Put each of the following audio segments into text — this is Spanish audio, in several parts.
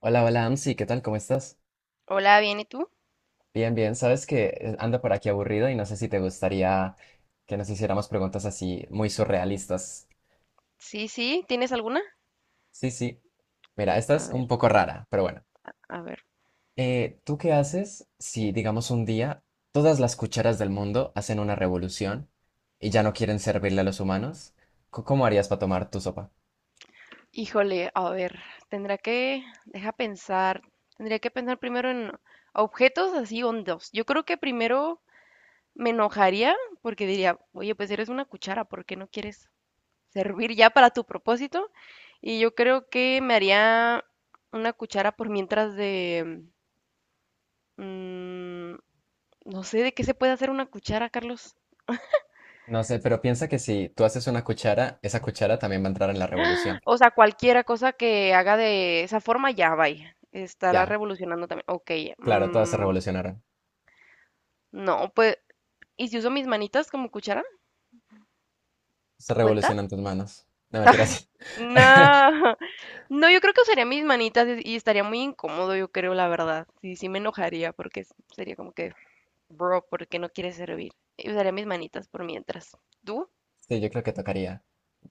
Hola, hola, Amsi, ¿qué tal? ¿Cómo estás? Hola, ¿bien y tú? Bien, bien, sabes que ando por aquí aburrido y no sé si te gustaría que nos hiciéramos preguntas así muy surrealistas. Sí, sí, ¿tienes alguna? Sí, sí. Mira, esta A es ver, un poco rara, pero bueno. a ver. ¿Tú qué haces si, digamos, un día todas las cucharas del mundo hacen una revolución y ya no quieren servirle a los humanos? ¿Cómo harías para tomar tu sopa? Híjole, a ver, tendrá que, deja pensar, tendría que pensar primero en objetos así hondos. Yo creo que primero me enojaría porque diría, oye, pues eres una cuchara, ¿por qué no quieres servir ya para tu propósito? Y yo creo que me haría una cuchara por mientras de, mm, no sé, ¿de qué se puede hacer una cuchara, Carlos? No sé, pero piensa que si tú haces una cuchara, esa cuchara también va a entrar en la revolución. O sea, cualquiera cosa que haga de esa forma, ya, vaya. Estará Ya, revolucionando también. Ok, claro, todas se mm, revolucionaron. no, pues, ¿y si uso mis manitas como cuchara? Se ¿Cuenta? revolucionan tus manos. No mentiras. No. No, yo creo que usaría mis manitas y estaría muy incómodo, yo creo, la verdad. Sí, sí me enojaría porque sería como que, bro, ¿por qué no quieres servir? Y usaría mis manitas por mientras. ¿Tú? Sí, yo creo que tocaría.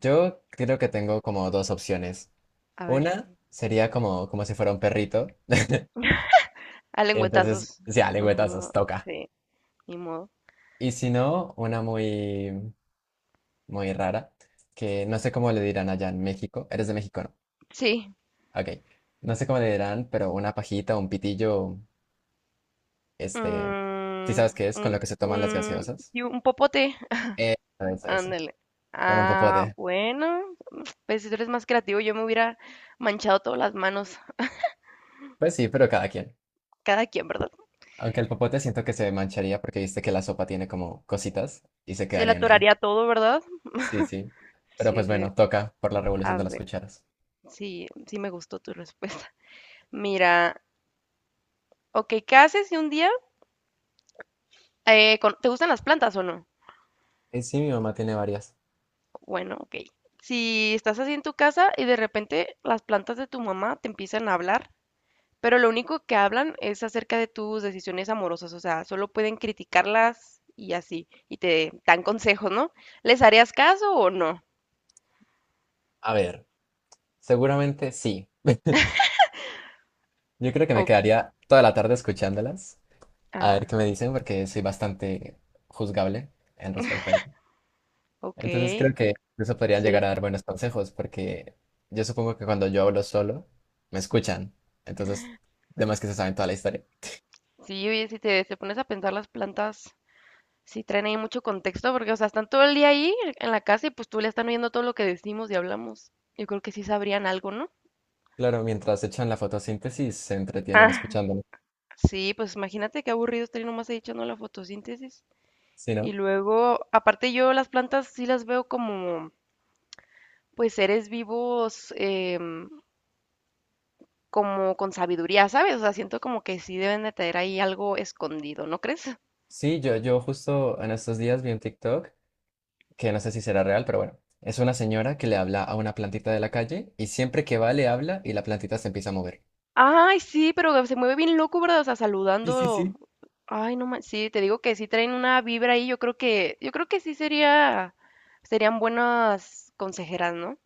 Yo creo que tengo como dos opciones. A ver, Una sería como, como si fuera un perrito. a Entonces, lengüetazos. ya, lengüetazos, Ajá, toca. sí, ni modo. Y si no, una muy, muy rara, que no sé cómo le dirán allá en México. Eres de México, ¿no? Sí, Ok. No sé cómo le dirán, pero una pajita, un pitillo, este, mm, ¿sí sabes qué es? Con lo que se toman las un, gaseosas. sí, un popote. Eh, eso, eso. Ándale. Con un Ah, popote. bueno, pues si tú eres más creativo, yo me hubiera manchado todas las manos, Pues sí, pero cada quien. cada quien, ¿verdad? Aunque el popote siento que se mancharía porque viste que la sopa tiene como cositas y se Se le quedarían ahí. atoraría todo, ¿verdad? Sí, sí. Pero Sí, pues sí. bueno, toca por la revolución A de las ver, cucharas. sí, sí me gustó tu respuesta. Mira, ok, ¿qué haces si un día te gustan las plantas o no? Sí, mi mamá tiene varias. Bueno, ok. Si estás así en tu casa y de repente las plantas de tu mamá te empiezan a hablar, pero lo único que hablan es acerca de tus decisiones amorosas, o sea, solo pueden criticarlas y así, y te dan consejos, ¿no? ¿Les harías caso o no? A ver, seguramente sí. Yo creo que me O- quedaría toda la tarde escuchándolas. A ver ah, qué me dicen porque soy bastante juzgable en respecto a eso. ok. Entonces creo que eso podrían Sí, llegar les- a dar buenos consejos porque yo supongo que cuando yo hablo solo, me escuchan. Entonces, además que se saben toda la historia. sí, oye, si te pones a pensar las plantas, sí traen ahí mucho contexto, porque, o sea, están todo el día ahí en la casa y pues tú le están viendo todo lo que decimos y hablamos. Yo creo que sí sabrían algo, ¿no? Claro, mientras echan la fotosíntesis se entretienen Ah, escuchándonos. sí, pues imagínate qué aburrido estar ahí nomás ahí echando la fotosíntesis. ¿Sí, Y no? luego, aparte yo las plantas sí las veo como pues seres vivos como con sabiduría, ¿sabes? O sea, siento como que sí deben de tener ahí algo escondido, ¿no crees? Sí, yo justo en estos días vi un TikTok que no sé si será real, pero bueno, es una señora que le habla a una plantita de la calle y siempre que va le habla y la plantita se empieza a mover. Ay, sí, pero se mueve bien loco, ¿verdad? O sea, Sí, sí, saludando. sí. Ay, no manches, sí, te digo que sí traen una vibra ahí, yo creo que sí sería, serían buenas consejeras, ¿no?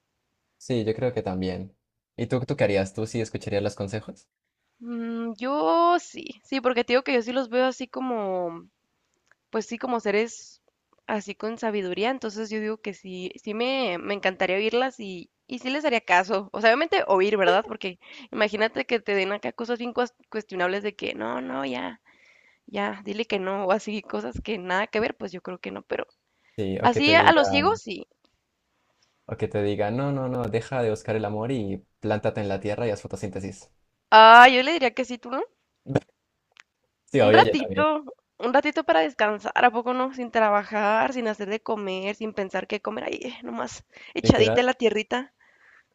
Sí, yo creo que también. ¿Y tú qué harías? ¿Tú sí escucharías los consejos? Mm, yo sí, sí, porque te digo que yo sí los veo así como, pues sí, como seres así con sabiduría, entonces yo digo que sí, me encantaría oírlas y sí les haría caso. O sea, obviamente oír, ¿verdad? Porque imagínate que te den acá cosas bien cuestionables de que no, no, ya, ya, dile que no, o así, cosas que nada que ver, pues yo creo que no, pero Sí, o que así te a los diga, ciegos sí. o que te diga, no, no, no, deja de buscar el amor y plántate en la tierra y haz fotosíntesis. Ah, yo le diría que sí, tú no. Sí, Un obvio, yo ratito, también. un ratito para descansar, ¿a poco no? Sin trabajar, sin hacer de comer, sin pensar qué comer, ahí, nomás echadita Literal, en la tierrita.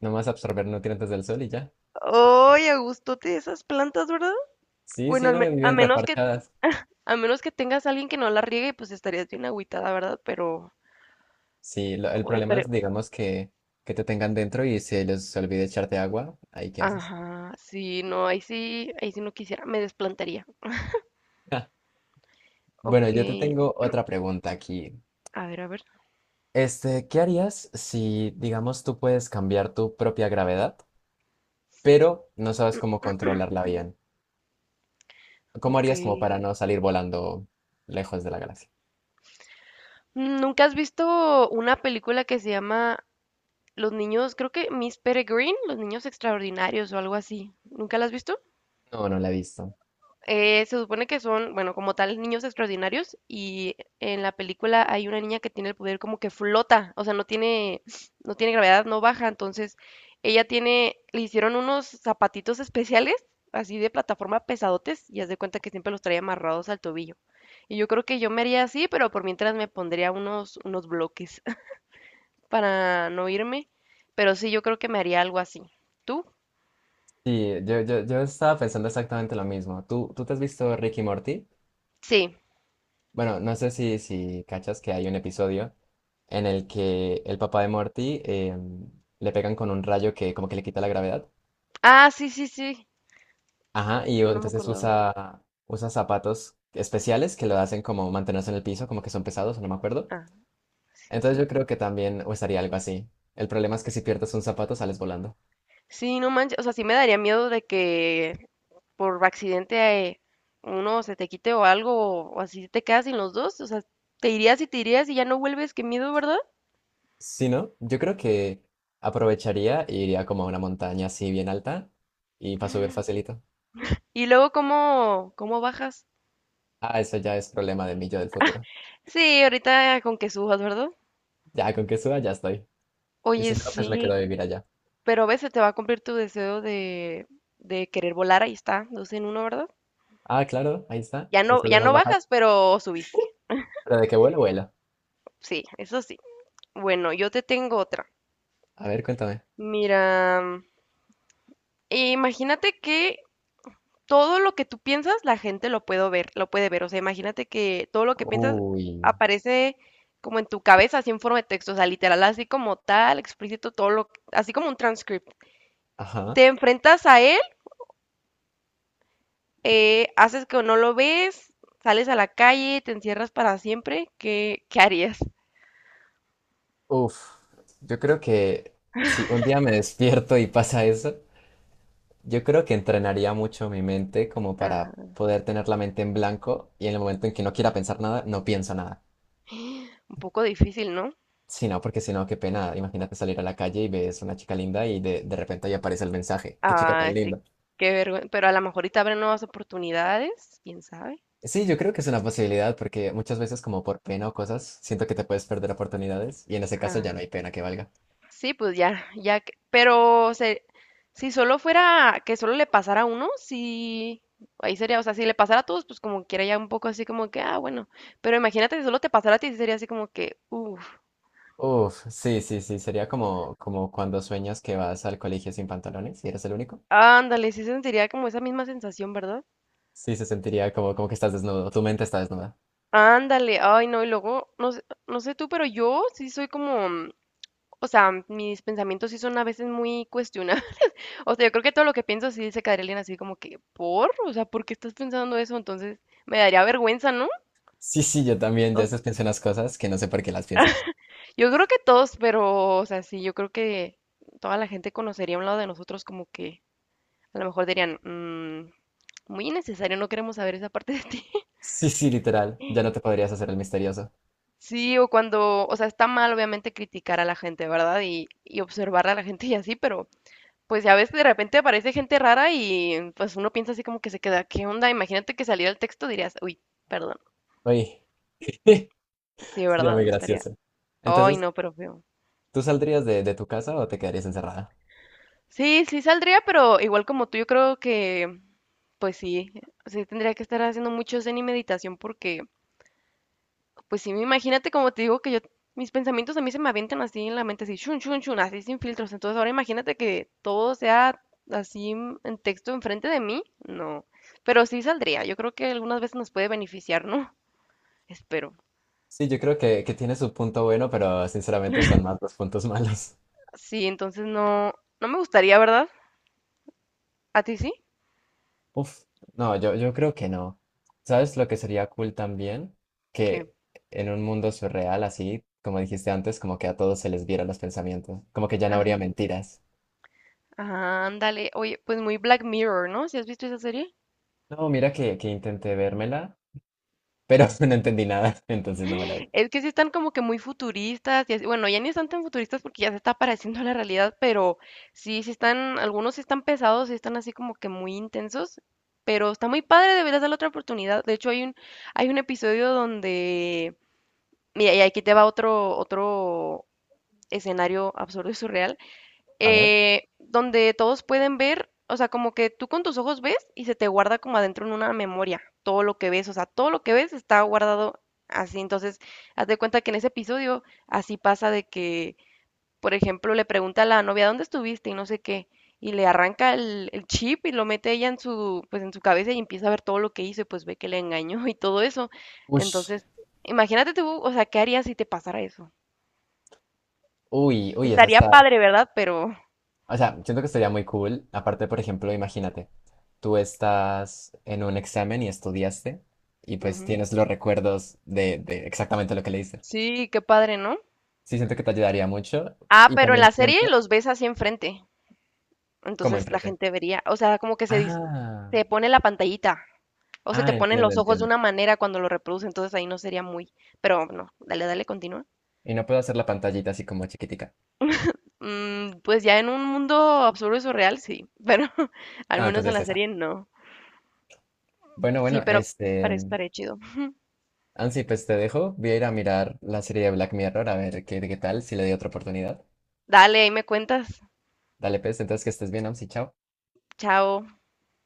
nomás absorber nutrientes del sol y ya. Ay, a gustote esas plantas, ¿verdad? Sí, Bueno, sí, no, a viven menos que reparchadas. a menos que tengas a alguien que no la riegue, pues estarías bien agüitada, ¿verdad? Pero Sí, el o problema es, espere, digamos, que te tengan dentro y se les olvide echarte agua. Ahí, ¿qué haces? ajá, sí, no, ahí sí no quisiera, me desplantaría. Bueno, Ok, yo te tengo otra pregunta aquí. a ver, a ver. Este, ¿qué harías si, digamos, tú puedes cambiar tu propia gravedad, pero no sabes cómo controlarla bien? ¿Cómo Ok. harías como para no salir volando lejos de la galaxia? ¿Nunca has visto una película que se llama Los niños, creo que Miss Peregrine, Los niños extraordinarios o algo así? ¿Nunca la has visto? No, no la he visto. Se supone que son, bueno, como tal, niños extraordinarios y en la película hay una niña que tiene el poder como que flota, o sea, no tiene gravedad, no baja, entonces ella tiene, le hicieron unos zapatitos especiales, así de plataforma pesadotes, y haz de cuenta que siempre los trae amarrados al tobillo. Y yo creo que yo me haría así, pero por mientras me pondría unos bloques para no irme, pero sí, yo creo que me haría algo así. ¿Tú? Sí, yo estaba pensando exactamente lo mismo. ¿Tú, tú te has visto Ricky Morty? Sí. Bueno, no sé si, si cachas que hay un episodio en el que el papá de Morty le pegan con un rayo que como que le quita la gravedad. Ah, sí, sí, sí. Ajá, y No me entonces acordaba. Usa zapatos especiales que lo hacen como mantenerse en el piso, como que son pesados, no me acuerdo. Ah, sí, Entonces yo sí. creo que también usaría algo así. El problema es que si pierdes un zapato sales volando. Sí, no manches, o sea, sí me daría miedo de que por accidente uno se te quite o algo, o así te quedas sin los dos, o sea, te irías y ya no vuelves, qué miedo, ¿verdad? Si no, yo creo que aprovecharía e iría como a una montaña así bien alta y para subir facilito. Y luego, ¿cómo bajas? Ah, eso ya es problema de mí yo del futuro. Sí, ahorita con que subas, ¿verdad? Ya con que suba ya estoy. Y si Oye, no, pues me quedo sí, a vivir allá. pero a veces te va a cumplir tu deseo de querer volar, ahí está, dos en uno, ¿verdad? Ah, claro, ahí está. Ya El no, ya problema es no bajar. bajas, pero subiste. ¿Pero de qué vuelo, vuela? Sí, eso sí. Bueno, yo te tengo otra. A ver, cuéntame. Mira, imagínate que todo lo que tú piensas, la gente lo puede ver, lo puede ver. O sea, imagínate que todo lo que piensas Uy, aparece como en tu cabeza, así en forma de texto, o sea, literal, así como tal, explícito, todo lo, así como un transcript. ajá. Te enfrentas a él, haces que no lo ves, sales a la calle, te encierras para siempre. ¿Qué, qué harías? Uf, yo creo que si un día me despierto y pasa eso, yo creo que entrenaría mucho mi mente como para Ajá. poder tener la mente en blanco y en el momento en que no quiera pensar nada, no pienso nada. Un poco difícil, ¿no? Si no, porque si no, qué pena. Imagínate salir a la calle y ves una chica linda y de repente ahí aparece el mensaje. Qué chica tan Ah, sí, linda. qué vergüenza. Pero a lo mejor ahorita habrá nuevas oportunidades, quién sabe. Sí, yo creo que es una posibilidad porque muchas veces como por pena o cosas, siento que te puedes perder oportunidades y en ese caso ya no hay pena que valga. Sí, pues ya, ya, pero si solo fuera que solo le pasara a uno, sí, ahí sería, o sea, si le pasara a todos, pues como quiera ya un poco así como que, ah, bueno, pero imagínate si solo te pasara a ti, sí sería así como que, uff, Uf, sí, sí, sí, sería como, como cuando sueñas que vas al colegio sin pantalones y eres el único. ándale, sí sentiría como esa misma sensación, ¿verdad? Sí, se sentiría como, como que estás desnudo, tu mente está desnuda. Ándale, ay, no, y luego, no sé, no sé tú, pero yo sí soy como, mm, o sea, mis pensamientos sí son a veces muy cuestionables, o sea, yo creo que todo lo que pienso sí se quedaría alguien así como que, por, o sea, ¿por qué estás pensando eso? Entonces, me daría vergüenza, ¿no? Sí, sí, yo también, ya veces pienso unas cosas que no sé por qué las pienso. Yo creo que todos, pero, o sea, sí, yo creo que toda la gente conocería un lado de nosotros como que a lo mejor dirían, "Mm, muy innecesario, no queremos saber esa parte de ti. Sí, sí, literal, ya no te podrías hacer el misterioso. Sí, o cuando, o sea, está mal obviamente criticar a la gente, ¿verdad? Y observar a la gente y así, pero pues ya ves que de repente aparece gente rara y pues uno piensa así como que se queda, ¿qué onda? Imagínate que saliera el texto, dirías, uy, perdón. Oye, Sí, sería ¿verdad? muy No estaría. gracioso. Ay, Entonces, no, pero feo. ¿tú saldrías de tu casa o te quedarías encerrada? Sí, sí saldría, pero igual como tú, yo creo que pues sí, sí tendría que estar haciendo mucho zen y meditación porque, pues sí, imagínate como te digo que yo, mis pensamientos a mí se me avientan así en la mente, así, chun, chun, chun, así sin filtros. Entonces ahora imagínate que todo sea así en texto enfrente de mí, no. Pero sí saldría, yo creo que algunas veces nos puede beneficiar, ¿no? Espero. Sí, yo creo que tiene su punto bueno, pero sinceramente son más los puntos malos. Sí, entonces no, no me gustaría, ¿verdad? ¿A ti sí? Uf, no, yo creo que no. ¿Sabes lo que sería cool también? ¿Qué? Que en un mundo surreal, así, como dijiste antes, como que a todos se les vieran los pensamientos, como que ya no habría Ajá, mentiras. ajá, ándale. Oye, pues muy Black Mirror, ¿no? ¿Si has visto esa serie? No, mira que intenté vérmela, pero no entendí nada, entonces no me la vi. Es que sí están como que muy futuristas, y así- bueno, ya ni están tan futuristas porque ya se está pareciendo a la realidad, pero sí, sí están, algunos sí están pesados, sí están así como que muy intensos, pero está muy padre, deberías darle otra oportunidad. De hecho, hay un episodio donde, mira, y aquí te va otro escenario absurdo y surreal A ver. Donde todos pueden ver, o sea, como que tú con tus ojos ves y se te guarda como adentro en una memoria todo lo que ves, o sea, todo lo que ves está guardado así. Entonces, haz de cuenta que en ese episodio así pasa de que, por ejemplo, le pregunta a la novia, ¿dónde estuviste? Y no sé qué. Y le arranca el chip y lo mete ella en su, pues en su cabeza y empieza a ver todo lo que hizo y pues ve que le engañó y todo eso. Ush. Entonces, imagínate tú, o sea, ¿qué harías si te pasara eso? Uy, uy, esa Estaría está, padre, ¿verdad? Pero, o sea, siento que sería muy cool. Aparte, por ejemplo, imagínate, tú estás en un examen y estudiaste y pues ujú. tienes los recuerdos de exactamente lo que leíste. Sí, qué padre, ¿no? Sí, siento que te ayudaría mucho Ah, y pero en también la serie siento los ves así enfrente. como Entonces la enfrente. gente vería, o sea, como que se, Ah, se pone la pantallita o se te ponen entiendo, los ojos de entiendo. una manera cuando lo reproduce, entonces ahí no sería muy, pero no, dale, dale, continúa. Y no puedo hacer la pantallita así como chiquitica. Mm, pues ya en un mundo absurdo y surreal, sí, pero al Ah, menos en entonces la esa. serie no. Bueno, Sí, bueno, pero este, parece, parece chido. Ansi, pues te dejo. Voy a ir a mirar la serie de Black Mirror a ver qué, qué tal, si le doy otra oportunidad. Dale, ahí me cuentas. Dale, pues, entonces que estés bien, Ansi, chao. Chao.